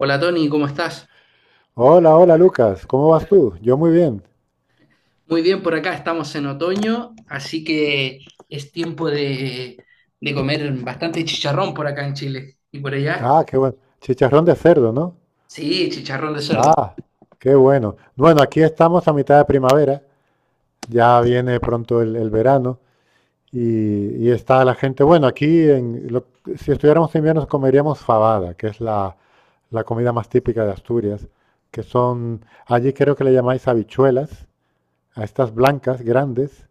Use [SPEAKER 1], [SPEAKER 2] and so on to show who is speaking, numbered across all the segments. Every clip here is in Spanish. [SPEAKER 1] Hola Tony, ¿cómo estás?
[SPEAKER 2] Hola, hola Lucas, ¿cómo vas tú? Yo muy bien.
[SPEAKER 1] Muy bien, por acá estamos en otoño, así que es tiempo de comer bastante chicharrón por acá en Chile. ¿Y por allá?
[SPEAKER 2] Ah, qué bueno. Chicharrón de cerdo, ¿no?
[SPEAKER 1] Sí, chicharrón de cerdo.
[SPEAKER 2] Ah, qué bueno. Bueno, aquí estamos a mitad de primavera, ya viene pronto el verano y está la gente. Bueno, si estuviéramos en invierno comeríamos fabada, que es la comida más típica de Asturias, que son, allí creo que le llamáis habichuelas, a estas blancas grandes.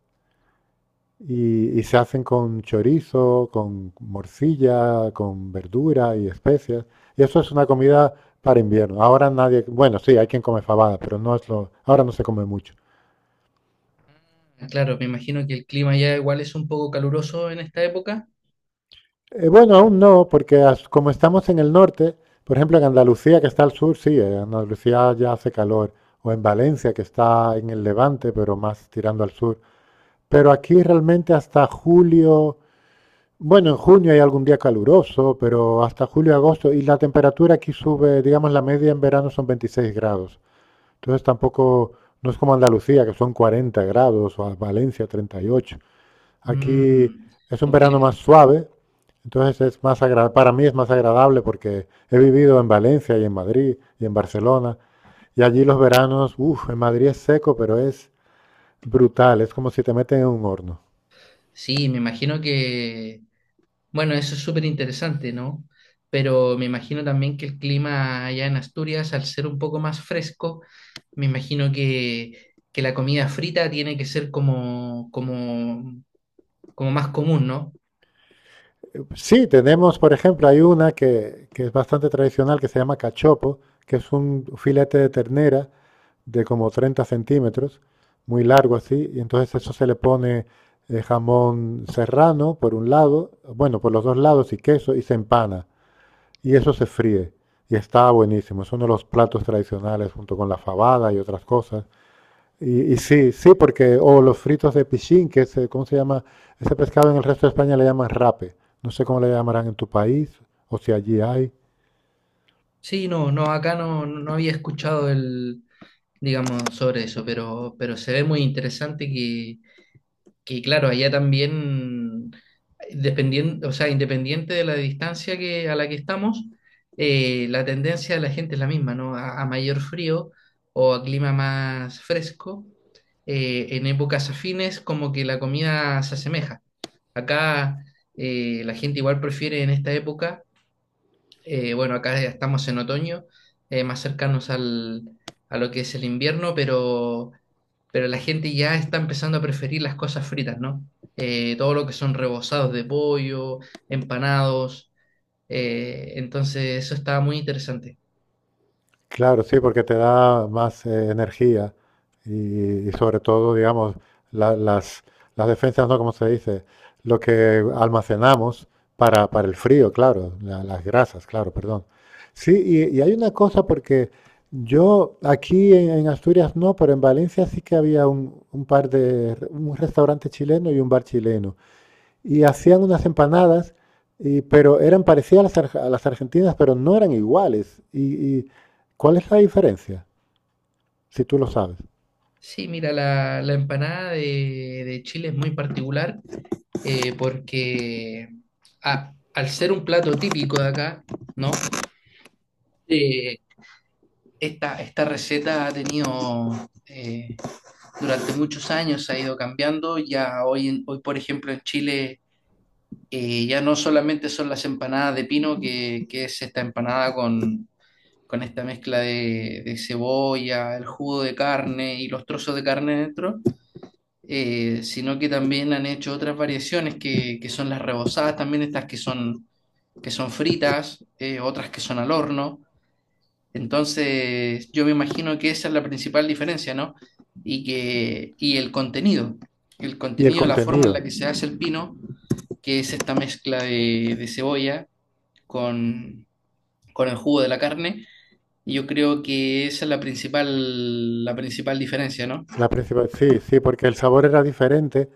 [SPEAKER 2] Y se hacen con chorizo, con morcilla, con verdura y especias. Y eso es una comida para invierno. Ahora nadie, bueno, sí, hay quien come fabada, pero ahora no se come mucho.
[SPEAKER 1] Claro, me imagino que el clima ya igual es un poco caluroso en esta época.
[SPEAKER 2] Bueno, aún no, porque como estamos en el norte, por ejemplo, en Andalucía, que está al sur, sí, en Andalucía ya hace calor, o en Valencia, que está en el levante, pero más tirando al sur. Pero aquí realmente hasta julio. Bueno, en junio hay algún día caluroso, pero hasta julio agosto. Y la temperatura aquí sube, digamos, la media en verano son 26 grados. Entonces tampoco, no es como Andalucía, que son 40 grados, o a Valencia 38. Aquí
[SPEAKER 1] Mm,
[SPEAKER 2] es un
[SPEAKER 1] un
[SPEAKER 2] verano
[SPEAKER 1] clima.
[SPEAKER 2] más suave, entonces para mí es más agradable porque he vivido en Valencia y en Madrid y en Barcelona. Y allí los veranos, uff, en Madrid es seco, pero es brutal, es como si te meten en un horno.
[SPEAKER 1] Sí, me imagino que bueno, eso es súper interesante, ¿no? Pero me imagino también que el clima allá en Asturias, al ser un poco más fresco, me imagino que la comida frita tiene que ser como, como, como más común, ¿no?
[SPEAKER 2] Sí, tenemos, por ejemplo, hay una que es bastante tradicional que se llama cachopo, que es un filete de ternera de como 30 centímetros, muy largo así, y entonces eso se le pone jamón serrano por un lado, bueno, por los dos lados y queso, y se empana, y eso se fríe, y está buenísimo, es uno de los platos tradicionales junto con la fabada y otras cosas. Y, sí, sí, porque, o los fritos de pichín, que es, ¿cómo se llama? Ese pescado en el resto de España le llaman rape. No sé cómo le llamarán en tu país, o si allí hay.
[SPEAKER 1] Sí, no, no, acá no, no había escuchado el, digamos, sobre eso, pero se ve muy interesante que claro, allá también, dependiendo, o sea, independiente de la distancia a la que estamos, la tendencia de la gente es la misma, ¿no? A mayor frío o a clima más fresco, en épocas afines como que la comida se asemeja. Acá la gente igual prefiere en esta época, bueno, acá ya estamos en otoño, más cercanos al, a lo que es el invierno, pero la gente ya está empezando a preferir las cosas fritas, ¿no? Todo lo que son rebozados de pollo, empanados, entonces eso estaba muy interesante.
[SPEAKER 2] Claro, sí, porque te da más energía y sobre todo, digamos, la- las, las defensas, ¿no? Como se dice, lo que almacenamos para el frío, claro, las grasas, claro, perdón. Sí, y hay una cosa porque yo aquí en Asturias no, pero en Valencia sí que había un restaurante chileno y un bar chileno y hacían unas empanadas, pero eran parecidas a las argentinas, pero no eran iguales. Y, ¿cuál es la diferencia? Si tú lo sabes.
[SPEAKER 1] Sí, mira, la empanada de Chile es muy particular porque al ser un plato típico de acá, ¿no? Eh, Esta, esta receta ha tenido, durante muchos años ha ido cambiando, ya hoy, hoy por ejemplo en Chile ya no solamente son las empanadas de pino, que es esta empanada con esta mezcla de cebolla, el jugo de carne y los trozos de carne dentro, sino que también han hecho otras variaciones que son las rebozadas, también estas que son fritas, otras que son al horno. Entonces, yo me imagino que esa es la principal diferencia, ¿no? Y que, y el
[SPEAKER 2] Y el
[SPEAKER 1] contenido, la forma en
[SPEAKER 2] contenido,
[SPEAKER 1] la que se hace el pino, que es esta mezcla de cebolla, con, con el jugo de la carne. Y yo creo que esa es la principal diferencia, ¿no?
[SPEAKER 2] la principal, sí, sí, porque el sabor era diferente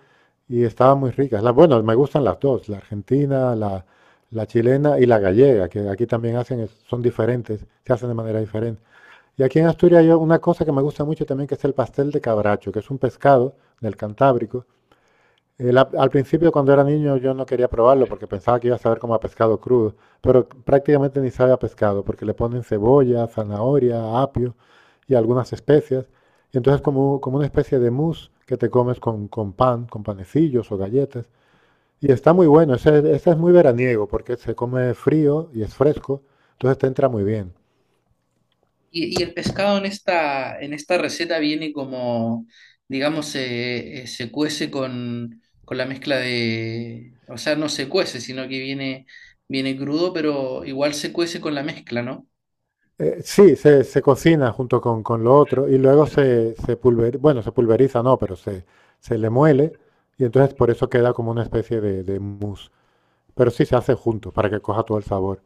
[SPEAKER 2] y estaban muy ricas. Bueno, me gustan las dos, la argentina, la chilena y la gallega, que aquí también hacen, son diferentes, se hacen de manera diferente. Y aquí en Asturias hay una cosa que me gusta mucho también, que es el pastel de cabracho, que es un pescado del Cantábrico. Al principio, cuando era niño, yo no quería probarlo porque pensaba que iba a saber como a pescado crudo, pero prácticamente ni sabe a pescado porque le ponen cebolla, zanahoria, apio y algunas especias. Y entonces como una especie de mousse que te comes con pan, con panecillos o galletas. Y está muy bueno, ese es muy veraniego porque se come frío y es fresco, entonces te entra muy bien.
[SPEAKER 1] Y el pescado en esta receta viene como, digamos, se, se cuece con la mezcla de, o sea, no se cuece, sino que viene, viene crudo, pero igual se cuece con la mezcla, ¿no?
[SPEAKER 2] Sí, se cocina junto con lo otro y luego se pulveriza, bueno, se pulveriza no, pero se le muele y entonces por eso queda como una especie de mousse. Pero sí se hace junto para que coja todo el sabor.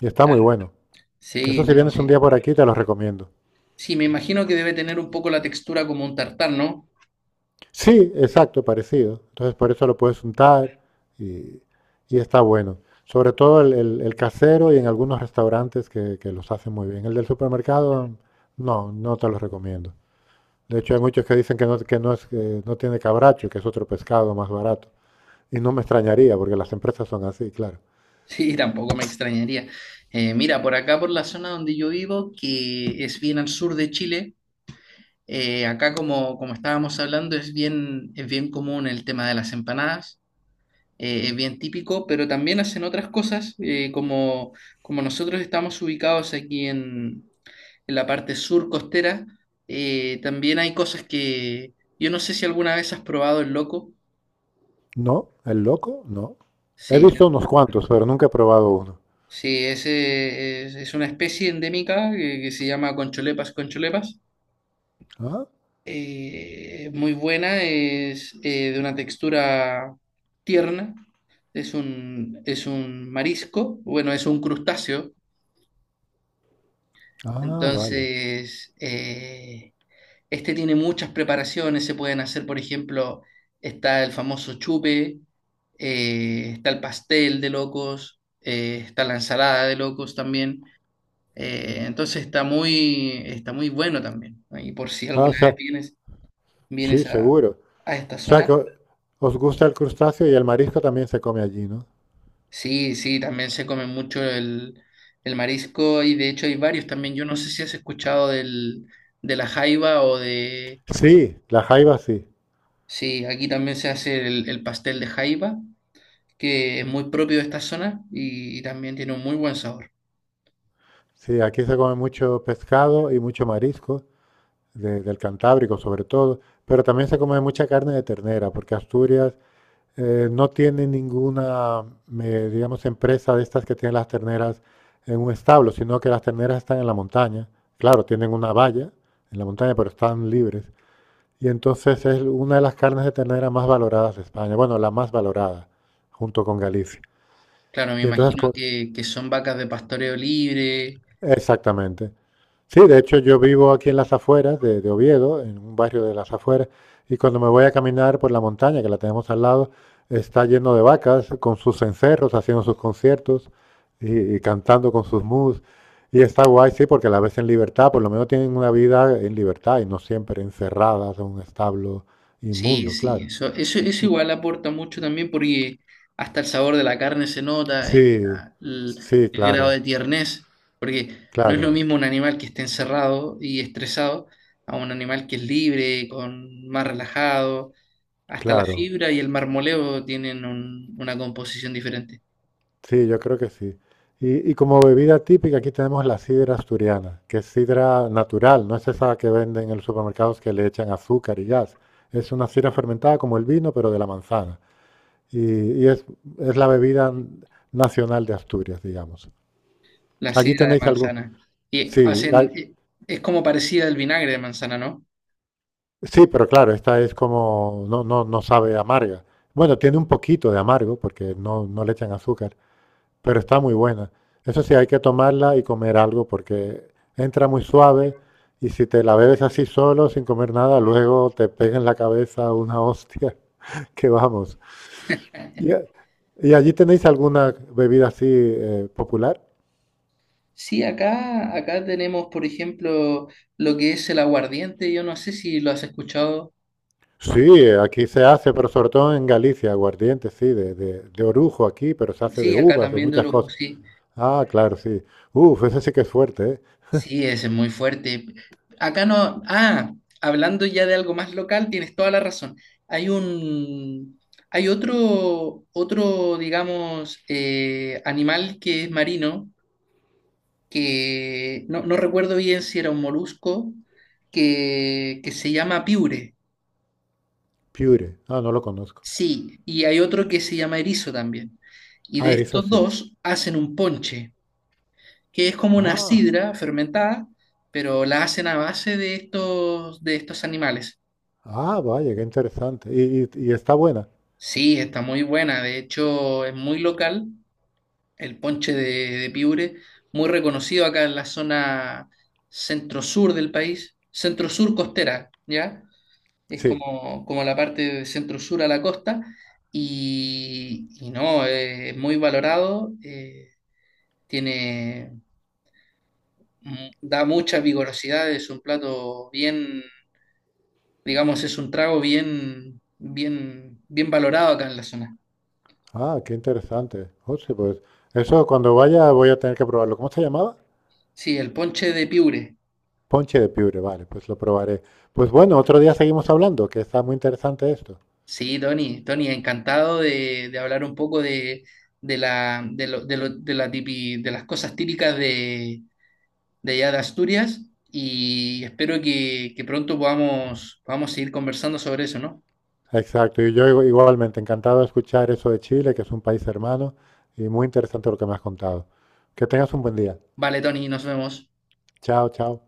[SPEAKER 2] Y está muy
[SPEAKER 1] Claro.
[SPEAKER 2] bueno. Eso
[SPEAKER 1] Sí,
[SPEAKER 2] si
[SPEAKER 1] no,
[SPEAKER 2] vienes un
[SPEAKER 1] sí.
[SPEAKER 2] día por aquí te lo recomiendo.
[SPEAKER 1] Sí, me imagino que debe tener un poco la textura como un tartar, ¿no?
[SPEAKER 2] Sí, exacto, parecido. Entonces por eso lo puedes untar y, y está bueno. Sobre todo el casero y en algunos restaurantes que los hacen muy bien. El del supermercado, no, no te lo recomiendo. De hecho, hay muchos que dicen que no, que no tiene cabracho, que es otro pescado más barato. Y no me extrañaría, porque las empresas son así, claro.
[SPEAKER 1] Sí, tampoco me extrañaría. Mira, por acá, por la zona donde yo vivo, que es bien al sur de Chile, acá como, como estábamos hablando, es bien común el tema de las empanadas, es bien típico, pero también hacen otras cosas, como, como nosotros estamos ubicados aquí en la parte sur costera, también hay cosas que yo no sé si alguna vez has probado el loco.
[SPEAKER 2] No, el loco, no. He
[SPEAKER 1] Sí,
[SPEAKER 2] visto unos cuantos, pero nunca he probado uno.
[SPEAKER 1] sí, ese es una especie endémica que se llama Concholepas concholepas.
[SPEAKER 2] Ah,
[SPEAKER 1] Muy buena, es de una textura tierna, es un marisco, bueno, es un crustáceo.
[SPEAKER 2] ah, vale.
[SPEAKER 1] Entonces, este tiene muchas preparaciones, se pueden hacer, por ejemplo, está el famoso chupe, está el pastel de locos, está la ensalada de locos también. Entonces está muy bueno también. ¿No? Y por si
[SPEAKER 2] Ah, o
[SPEAKER 1] alguna vez
[SPEAKER 2] sea,
[SPEAKER 1] vienes,
[SPEAKER 2] sí,
[SPEAKER 1] vienes
[SPEAKER 2] seguro.
[SPEAKER 1] a esta
[SPEAKER 2] O sea que
[SPEAKER 1] zona,
[SPEAKER 2] os gusta el crustáceo y el marisco también se come allí, ¿no?
[SPEAKER 1] sí, sí, también se come mucho el marisco y de hecho hay varios también. Yo no sé si has escuchado del, de la jaiba o de...
[SPEAKER 2] Sí, la jaiba sí.
[SPEAKER 1] Sí, aquí también se hace el pastel de jaiba, que es muy propio de esta zona y también tiene un muy buen sabor.
[SPEAKER 2] Sí, aquí se come mucho pescado y mucho marisco, del Cantábrico sobre todo, pero también se come mucha carne de ternera, porque Asturias no tiene ninguna, digamos, empresa de estas que tienen las terneras en un establo, sino que las terneras están en la montaña. Claro, tienen una valla en la montaña, pero están libres. Y entonces es una de las carnes de ternera más valoradas de España. Bueno, la más valorada, junto con Galicia.
[SPEAKER 1] Claro, me
[SPEAKER 2] Y entonces,
[SPEAKER 1] imagino
[SPEAKER 2] co-
[SPEAKER 1] que son vacas de pastoreo libre.
[SPEAKER 2] exactamente. Sí, de hecho yo vivo aquí en las afueras de Oviedo, en un barrio de las afueras, y cuando me voy a caminar por la montaña, que la tenemos al lado, está lleno de vacas con sus encerros, haciendo sus conciertos y cantando con sus mus. Y está guay, sí, porque la ves en libertad, por lo menos tienen una vida en libertad y no siempre encerradas en un establo
[SPEAKER 1] Sí,
[SPEAKER 2] inmundo,
[SPEAKER 1] sí,
[SPEAKER 2] claro.
[SPEAKER 1] eso igual aporta mucho también porque hasta el sabor de la carne se nota,
[SPEAKER 2] Sí,
[SPEAKER 1] la-
[SPEAKER 2] sí,
[SPEAKER 1] el grado
[SPEAKER 2] claro,
[SPEAKER 1] de tiernez, porque no es
[SPEAKER 2] claro,
[SPEAKER 1] lo mismo un animal que esté encerrado y estresado a un animal que es libre, con más relajado, hasta la
[SPEAKER 2] claro.
[SPEAKER 1] fibra y el marmoleo tienen un- una composición diferente.
[SPEAKER 2] Sí, yo creo que sí. Y, como bebida típica, aquí tenemos la sidra asturiana, que es sidra natural, no es esa que venden en los supermercados que le echan azúcar y gas. Es una sidra fermentada como el vino, pero de la manzana. Y, y es la bebida nacional de Asturias, digamos.
[SPEAKER 1] La
[SPEAKER 2] Allí
[SPEAKER 1] sidra de
[SPEAKER 2] tenéis algún...
[SPEAKER 1] manzana, y
[SPEAKER 2] Sí,
[SPEAKER 1] hacen,
[SPEAKER 2] hay-
[SPEAKER 1] es como parecida al vinagre de manzana, ¿no?
[SPEAKER 2] sí, pero claro, esta es como... No, no, no sabe amarga. Bueno, tiene un poquito de amargo porque no, no le echan azúcar. Pero está muy buena. Eso sí, hay que tomarla y comer algo porque entra muy suave y si te la bebes así solo, sin comer nada, luego te pega en la cabeza una hostia que vamos. ¿Y, y, allí tenéis alguna bebida así popular?
[SPEAKER 1] Sí, acá, acá tenemos, por ejemplo, lo que es el aguardiente. Yo no sé si lo has escuchado.
[SPEAKER 2] Sí, aquí se hace, pero sobre todo en Galicia, aguardiente, sí, de orujo aquí, pero se hace de
[SPEAKER 1] Sí, acá
[SPEAKER 2] uvas, de
[SPEAKER 1] también de
[SPEAKER 2] muchas
[SPEAKER 1] orujo,
[SPEAKER 2] cosas.
[SPEAKER 1] sí.
[SPEAKER 2] Ah, claro, sí. Uf, ese sí que es fuerte, ¿eh?
[SPEAKER 1] Sí, ese es muy fuerte. Acá no. Ah, hablando ya de algo más local, tienes toda la razón. Hay un. Hay otro, otro, digamos, animal que es marino, que no, no recuerdo bien si era un molusco, que se llama piure.
[SPEAKER 2] Pure. Ah, no lo conozco.
[SPEAKER 1] Sí, y hay otro que se llama erizo también. Y
[SPEAKER 2] Ah,
[SPEAKER 1] de
[SPEAKER 2] erizo
[SPEAKER 1] estos
[SPEAKER 2] sí.
[SPEAKER 1] dos hacen un ponche, que es como una
[SPEAKER 2] Ah.
[SPEAKER 1] sidra fermentada, pero la hacen a base de estos animales.
[SPEAKER 2] Ah, vaya, qué interesante. ¿Y está buena?
[SPEAKER 1] Sí, está muy buena. De hecho, es muy local. El ponche de piure, muy reconocido acá en la zona centro-sur del país, centro-sur costera, ¿ya? Es
[SPEAKER 2] Sí.
[SPEAKER 1] como, como la parte de centro-sur a la costa. Y no, es muy valorado. Eh, tiene, da mucha vigorosidad, es un plato bien, digamos, es un trago bien, bien, bien valorado acá en la zona.
[SPEAKER 2] Ah, qué interesante. Oh, sí, pues eso cuando vaya voy a tener que probarlo. ¿Cómo se llamaba?
[SPEAKER 1] Sí, el ponche de piure.
[SPEAKER 2] Ponche de piure, vale, pues lo probaré. Pues bueno, otro día seguimos hablando, que está muy interesante esto.
[SPEAKER 1] Sí, Tony, Tony, encantado de hablar un poco de la, de la de las cosas típicas de allá de Asturias y espero que pronto podamos, podamos seguir conversando sobre eso, ¿no?
[SPEAKER 2] Exacto, y yo igualmente encantado de escuchar eso de Chile, que es un país hermano, y muy interesante lo que me has contado. Que tengas un buen día.
[SPEAKER 1] Vale, Tony, nos vemos.
[SPEAKER 2] Chao, chao.